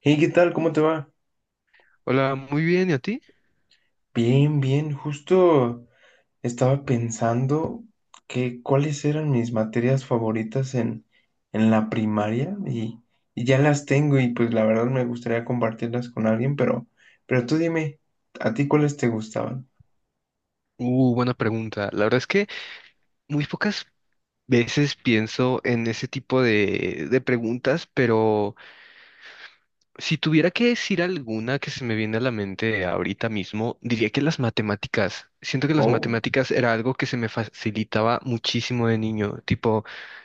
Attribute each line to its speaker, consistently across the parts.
Speaker 1: Hey, ¿qué tal? ¿Cómo te va?
Speaker 2: Hola, muy bien, ¿y a ti?
Speaker 1: Bien, bien. Justo estaba pensando que cuáles eran mis materias favoritas en la primaria y ya las tengo y pues la verdad me gustaría compartirlas con alguien, pero tú dime, ¿a ti cuáles te gustaban?
Speaker 2: Buena pregunta. La verdad es que muy pocas veces pienso en ese tipo de preguntas, pero si tuviera que decir alguna que se me viene a la mente ahorita mismo, diría que las matemáticas. Siento que las
Speaker 1: Oh,
Speaker 2: matemáticas era algo que se me facilitaba muchísimo de niño. Tipo,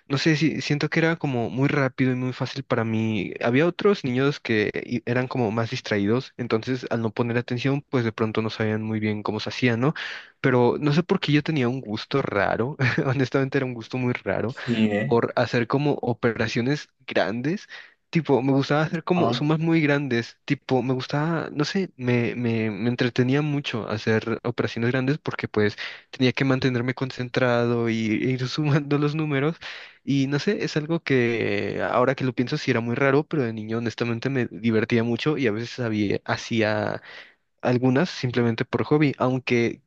Speaker 2: no sé si siento que era como muy rápido y muy fácil para mí. Había otros niños que eran como más distraídos, entonces al no poner atención, pues de pronto no sabían muy bien cómo se hacía, ¿no? Pero no sé por qué yo tenía un gusto raro. Honestamente era un gusto muy raro
Speaker 1: sí, ¿eh?
Speaker 2: por hacer como operaciones grandes. Tipo, me gustaba hacer como
Speaker 1: Ah,
Speaker 2: sumas muy grandes. Tipo, me gustaba, no sé, me entretenía mucho hacer operaciones grandes porque pues tenía que mantenerme concentrado y e ir sumando los números. Y no sé, es algo que ahora que lo pienso sí era muy raro, pero de niño honestamente me divertía mucho y a veces hacía algunas simplemente por hobby, aunque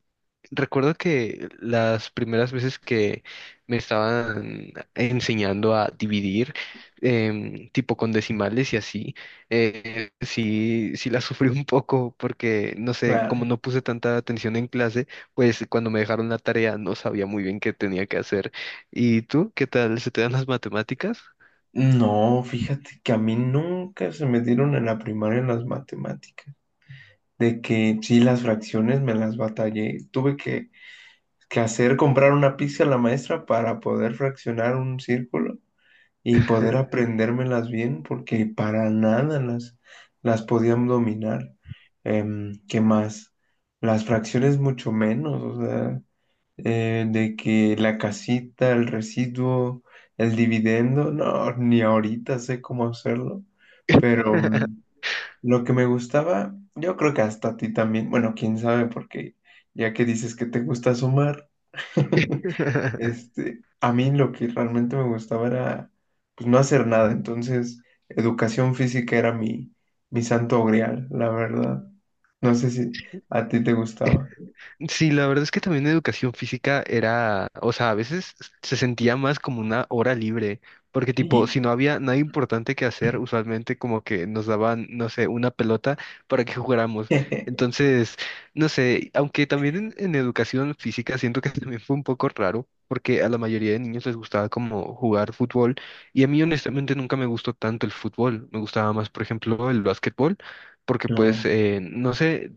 Speaker 2: recuerdo que las primeras veces que me estaban enseñando a dividir, tipo con decimales y así, sí la sufrí un poco porque, no sé,
Speaker 1: claro.
Speaker 2: como no puse tanta atención en clase, pues cuando me dejaron la tarea no sabía muy bien qué tenía que hacer. ¿Y tú, qué tal? ¿Se te dan las matemáticas?
Speaker 1: No, fíjate que a mí nunca se me dieron en la primaria las matemáticas. De que sí, las fracciones me las batallé. Tuve que hacer comprar una pizca a la maestra para poder fraccionar un círculo y poder aprendérmelas bien, porque para nada las podían dominar. ¿Qué más? Las fracciones mucho menos, o sea, de que la casita, el residuo, el dividendo, no, ni ahorita sé cómo hacerlo, pero lo que me gustaba, yo creo que hasta a ti también, bueno, quién sabe, porque ya que dices que te gusta sumar, a mí lo que realmente me gustaba era, pues, no hacer nada, entonces, educación física era mi santo grial, la verdad. No sé si a ti te gustaba.
Speaker 2: Sí, la verdad es que también educación física era, o sea, a veces se sentía más como una hora libre, porque tipo, si
Speaker 1: Y,
Speaker 2: no había nada importante que hacer, usualmente como que nos daban, no sé, una pelota para que jugáramos. Entonces, no sé, aunque también en educación física siento que también fue un poco raro, porque a la mayoría de niños les gustaba como jugar fútbol, y a mí honestamente nunca me gustó tanto el fútbol, me gustaba más, por ejemplo, el básquetbol. Porque pues,
Speaker 1: no,
Speaker 2: no sé,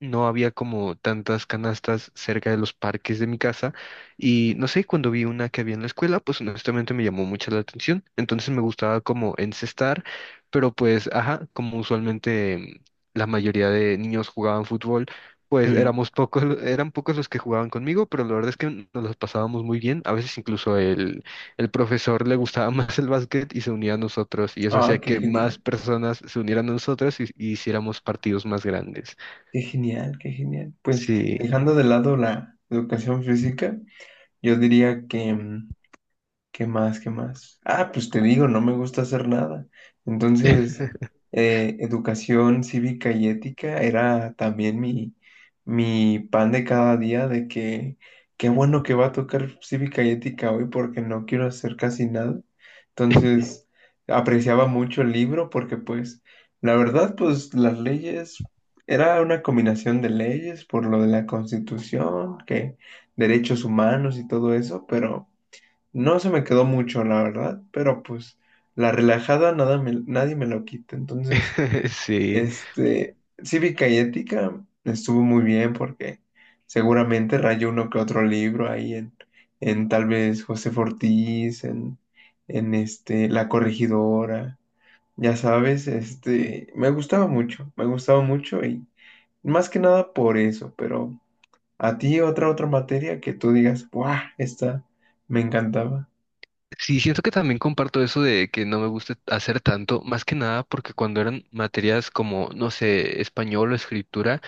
Speaker 2: no había como tantas canastas cerca de los parques de mi casa y no sé, cuando vi una que había en la escuela, pues honestamente me llamó mucho la atención, entonces me gustaba como encestar, pero pues, ajá, como usualmente la mayoría de niños jugaban fútbol, pues
Speaker 1: sí.
Speaker 2: éramos pocos, eran pocos los que jugaban conmigo, pero la verdad es que nos los pasábamos muy bien, a veces incluso el profesor le gustaba más el básquet y se unía a nosotros y eso hacía
Speaker 1: Ah, qué
Speaker 2: que más
Speaker 1: genial,
Speaker 2: personas se unieran a nosotros y hiciéramos partidos más grandes.
Speaker 1: qué genial, qué genial. Pues,
Speaker 2: Sí,
Speaker 1: dejando de lado la educación física, yo diría que ¿qué más? ¿Qué más? Ah, pues te digo, no me gusta hacer nada. Entonces, educación cívica y ética era también mi pan de cada día de que qué bueno que va a tocar cívica y ética hoy porque no quiero hacer casi nada. Entonces, apreciaba mucho el libro porque pues, la verdad, pues las leyes, era una combinación de leyes por lo de la Constitución, que derechos humanos y todo eso, pero no se me quedó mucho, la verdad, pero pues la relajada nada me, nadie me lo quita. Entonces,
Speaker 2: sí.
Speaker 1: este, Cívica y Ética estuvo muy bien porque seguramente rayó uno que otro libro ahí en tal vez José Fortís, en La Corregidora, ya sabes, me gustaba mucho y más que nada por eso, pero a ti otra materia que tú digas, ¡buah! Esta me encantaba.
Speaker 2: Sí, siento que también comparto eso de que no me gusta hacer tanto, más que nada porque cuando eran materias como, no sé, español o escritura,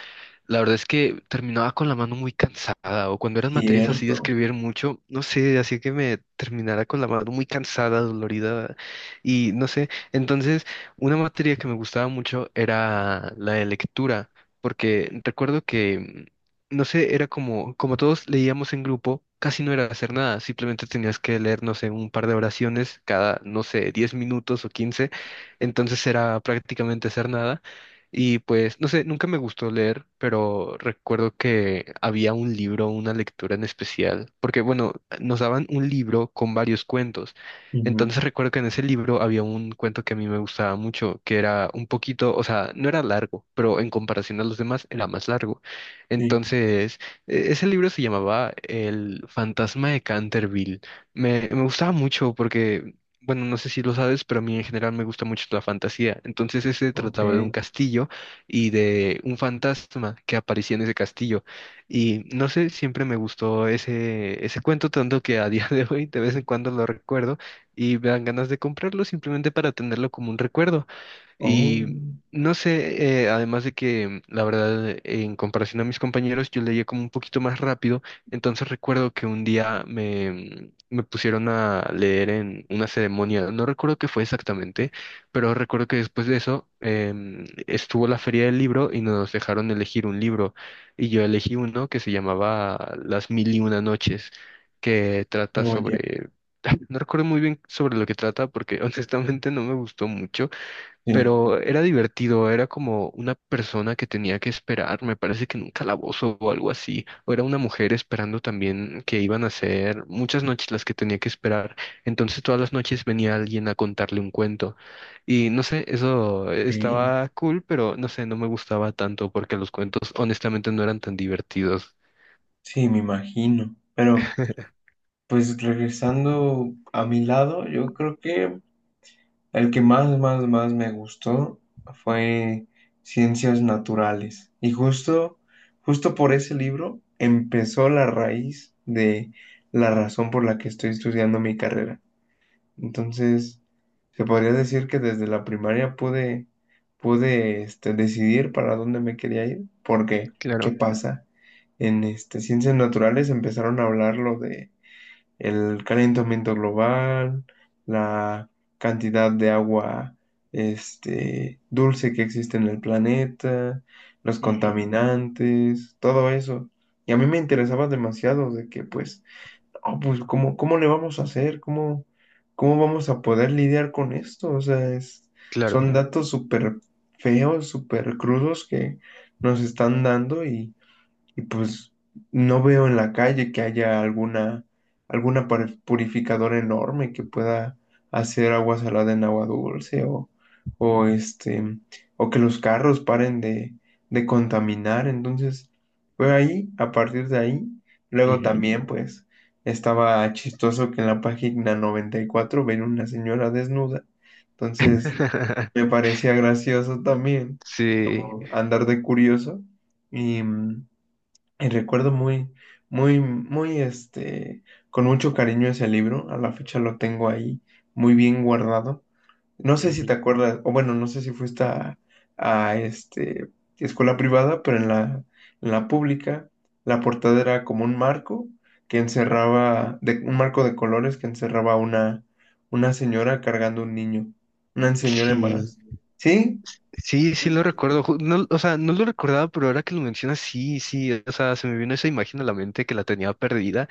Speaker 2: la verdad es que terminaba con la mano muy cansada, o cuando eran materias así de
Speaker 1: Cierto.
Speaker 2: escribir mucho, no sé, así que me terminara con la mano muy cansada, dolorida, y no sé. Entonces, una materia que me gustaba mucho era la de lectura, porque recuerdo que, mm, no sé, era como todos leíamos en grupo, casi no era hacer nada, simplemente tenías que leer, no sé, un par de oraciones cada, no sé, 10 minutos o 15, entonces era prácticamente hacer nada. Y pues, no sé, nunca me gustó leer, pero recuerdo que había un libro, una lectura en especial, porque bueno, nos daban un libro con varios cuentos.
Speaker 1: Ujú.
Speaker 2: Entonces recuerdo que en ese libro había un cuento que a mí me gustaba mucho, que era un poquito, o sea, no era largo, pero en comparación a los demás era más largo.
Speaker 1: Sí,
Speaker 2: Entonces, ese libro se llamaba El fantasma de Canterville. Me gustaba mucho porque bueno, no sé si lo sabes, pero a mí en general me gusta mucho la fantasía. Entonces ese
Speaker 1: ok.
Speaker 2: trataba de un castillo y de un fantasma que aparecía en ese castillo. Y no sé, siempre me gustó ese cuento, tanto que a día de hoy de vez en cuando lo recuerdo y me dan ganas de comprarlo simplemente para tenerlo como un recuerdo.
Speaker 1: Oh,
Speaker 2: Y no sé, además de que la verdad, en comparación a mis compañeros, yo leía como un poquito más rápido. Entonces recuerdo que un día me pusieron a leer en una ceremonia, no recuerdo qué fue exactamente, pero recuerdo que después de eso estuvo la feria del libro y nos dejaron elegir un libro. Y yo elegí uno que se llamaba Las Mil y Una Noches, que trata
Speaker 1: oh, ya.
Speaker 2: sobre... No recuerdo muy bien sobre lo que trata porque honestamente no me gustó mucho,
Speaker 1: Sí,
Speaker 2: pero era divertido, era como una persona que tenía que esperar, me parece que en un calabozo o algo así, o era una mujer esperando también que iban a ser muchas noches las que tenía que esperar, entonces todas las noches venía alguien a contarle un cuento y no sé, eso
Speaker 1: ok.
Speaker 2: estaba cool, pero no sé, no me gustaba tanto porque los cuentos honestamente no eran tan divertidos.
Speaker 1: Sí, me imagino. Pero, pues regresando a mi lado, yo creo que el que más me gustó fue Ciencias Naturales. Y justo por ese libro empezó la raíz de la razón por la que estoy estudiando mi carrera. Entonces, se podría decir que desde la primaria pude decidir para dónde me quería ir, porque, ¿qué
Speaker 2: Claro,
Speaker 1: pasa? En ciencias naturales empezaron a hablar lo de el calentamiento global, la cantidad de agua dulce que existe en el planeta, los
Speaker 2: ujú,
Speaker 1: contaminantes, todo eso. Y a mí me interesaba demasiado de que, pues, "No, pues, ¿cómo le vamos a hacer? ¿Cómo vamos a poder lidiar con esto? O sea,
Speaker 2: claro.
Speaker 1: son datos súper feos, súper crudos que nos están dando y pues no veo en la calle que haya alguna purificadora enorme que pueda hacer agua salada en agua dulce o o que los carros paren de contaminar. Entonces, fue ahí, a partir de ahí, luego
Speaker 2: Ujú.
Speaker 1: también pues estaba chistoso que en la página 94 ven una señora desnuda. Entonces, me parecía gracioso también,
Speaker 2: Sí,
Speaker 1: como andar de curioso. Y, mm, y recuerdo muy, con mucho cariño ese libro. A la fecha lo tengo ahí muy bien guardado. No sé si te
Speaker 2: ujú,
Speaker 1: acuerdas, o bueno, no sé si fuiste a escuela privada, pero en en la pública, la portada era como un marco que un marco de colores que encerraba una señora cargando un niño. Una señora
Speaker 2: sí.
Speaker 1: embarazada. Sí,
Speaker 2: Sí, sí lo recuerdo. No, o sea, no lo recordaba, pero ahora que lo mencionas, sí, sí. O sea, se me vino esa imagen a la mente que la tenía perdida.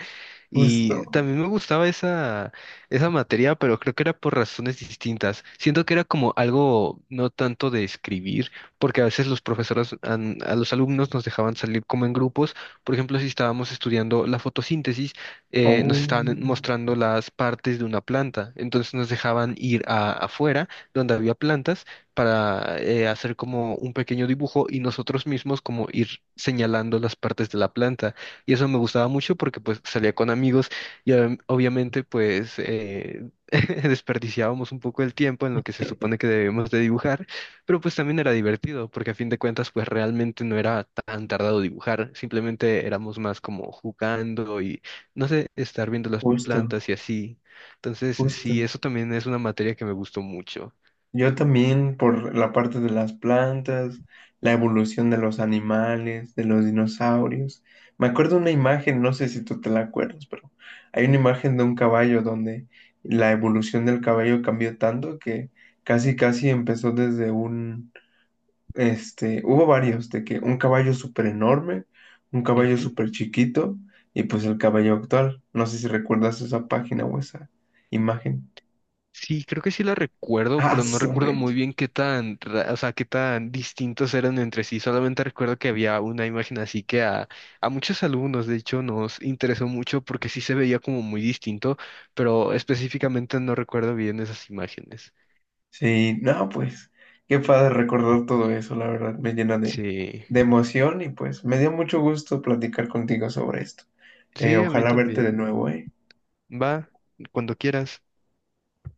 Speaker 1: justo.
Speaker 2: Y también me gustaba esa materia, pero creo que era por razones distintas. Siento que era como algo no tanto de escribir, porque a veces los profesores a los alumnos nos dejaban salir como en grupos. Por ejemplo, si estábamos estudiando la fotosíntesis, nos estaban
Speaker 1: Oh,
Speaker 2: mostrando las partes de una planta. Entonces nos dejaban ir afuera, donde había plantas, para hacer como un pequeño dibujo y nosotros mismos como ir señalando las partes de la planta. Y eso me gustaba mucho porque pues salía con amigos y obviamente pues desperdiciábamos un poco el tiempo en lo que se supone que debemos de dibujar, pero pues también era divertido porque a fin de cuentas pues realmente no era tan tardado dibujar, simplemente éramos más como jugando y no sé, estar viendo las
Speaker 1: justo,
Speaker 2: plantas y así. Entonces
Speaker 1: justo.
Speaker 2: sí, eso también es una materia que me gustó mucho.
Speaker 1: Yo también por la parte de las plantas, la evolución de los animales, de los dinosaurios. Me acuerdo una imagen, no sé si tú te la acuerdas, pero hay una imagen de un caballo donde la evolución del caballo cambió tanto que casi casi empezó desde un hubo varios, de que un caballo súper enorme, un caballo súper chiquito y pues el caballo actual. No sé si recuerdas esa página o esa imagen.
Speaker 2: Sí, creo que sí la recuerdo,
Speaker 1: Ah,
Speaker 2: pero no
Speaker 1: su
Speaker 2: recuerdo
Speaker 1: mecha.
Speaker 2: muy bien qué tan, o sea, qué tan distintos eran entre sí. Solamente recuerdo que había una imagen así que a muchos alumnos, de hecho, nos interesó mucho porque sí se veía como muy distinto, pero específicamente no recuerdo bien esas imágenes.
Speaker 1: Sí, no, pues qué padre recordar todo eso, la verdad, me llena
Speaker 2: Sí,
Speaker 1: de emoción y pues me dio mucho gusto platicar contigo sobre esto.
Speaker 2: sí, a mí
Speaker 1: Ojalá verte de
Speaker 2: también.
Speaker 1: nuevo, ¿eh?
Speaker 2: Va, cuando quieras.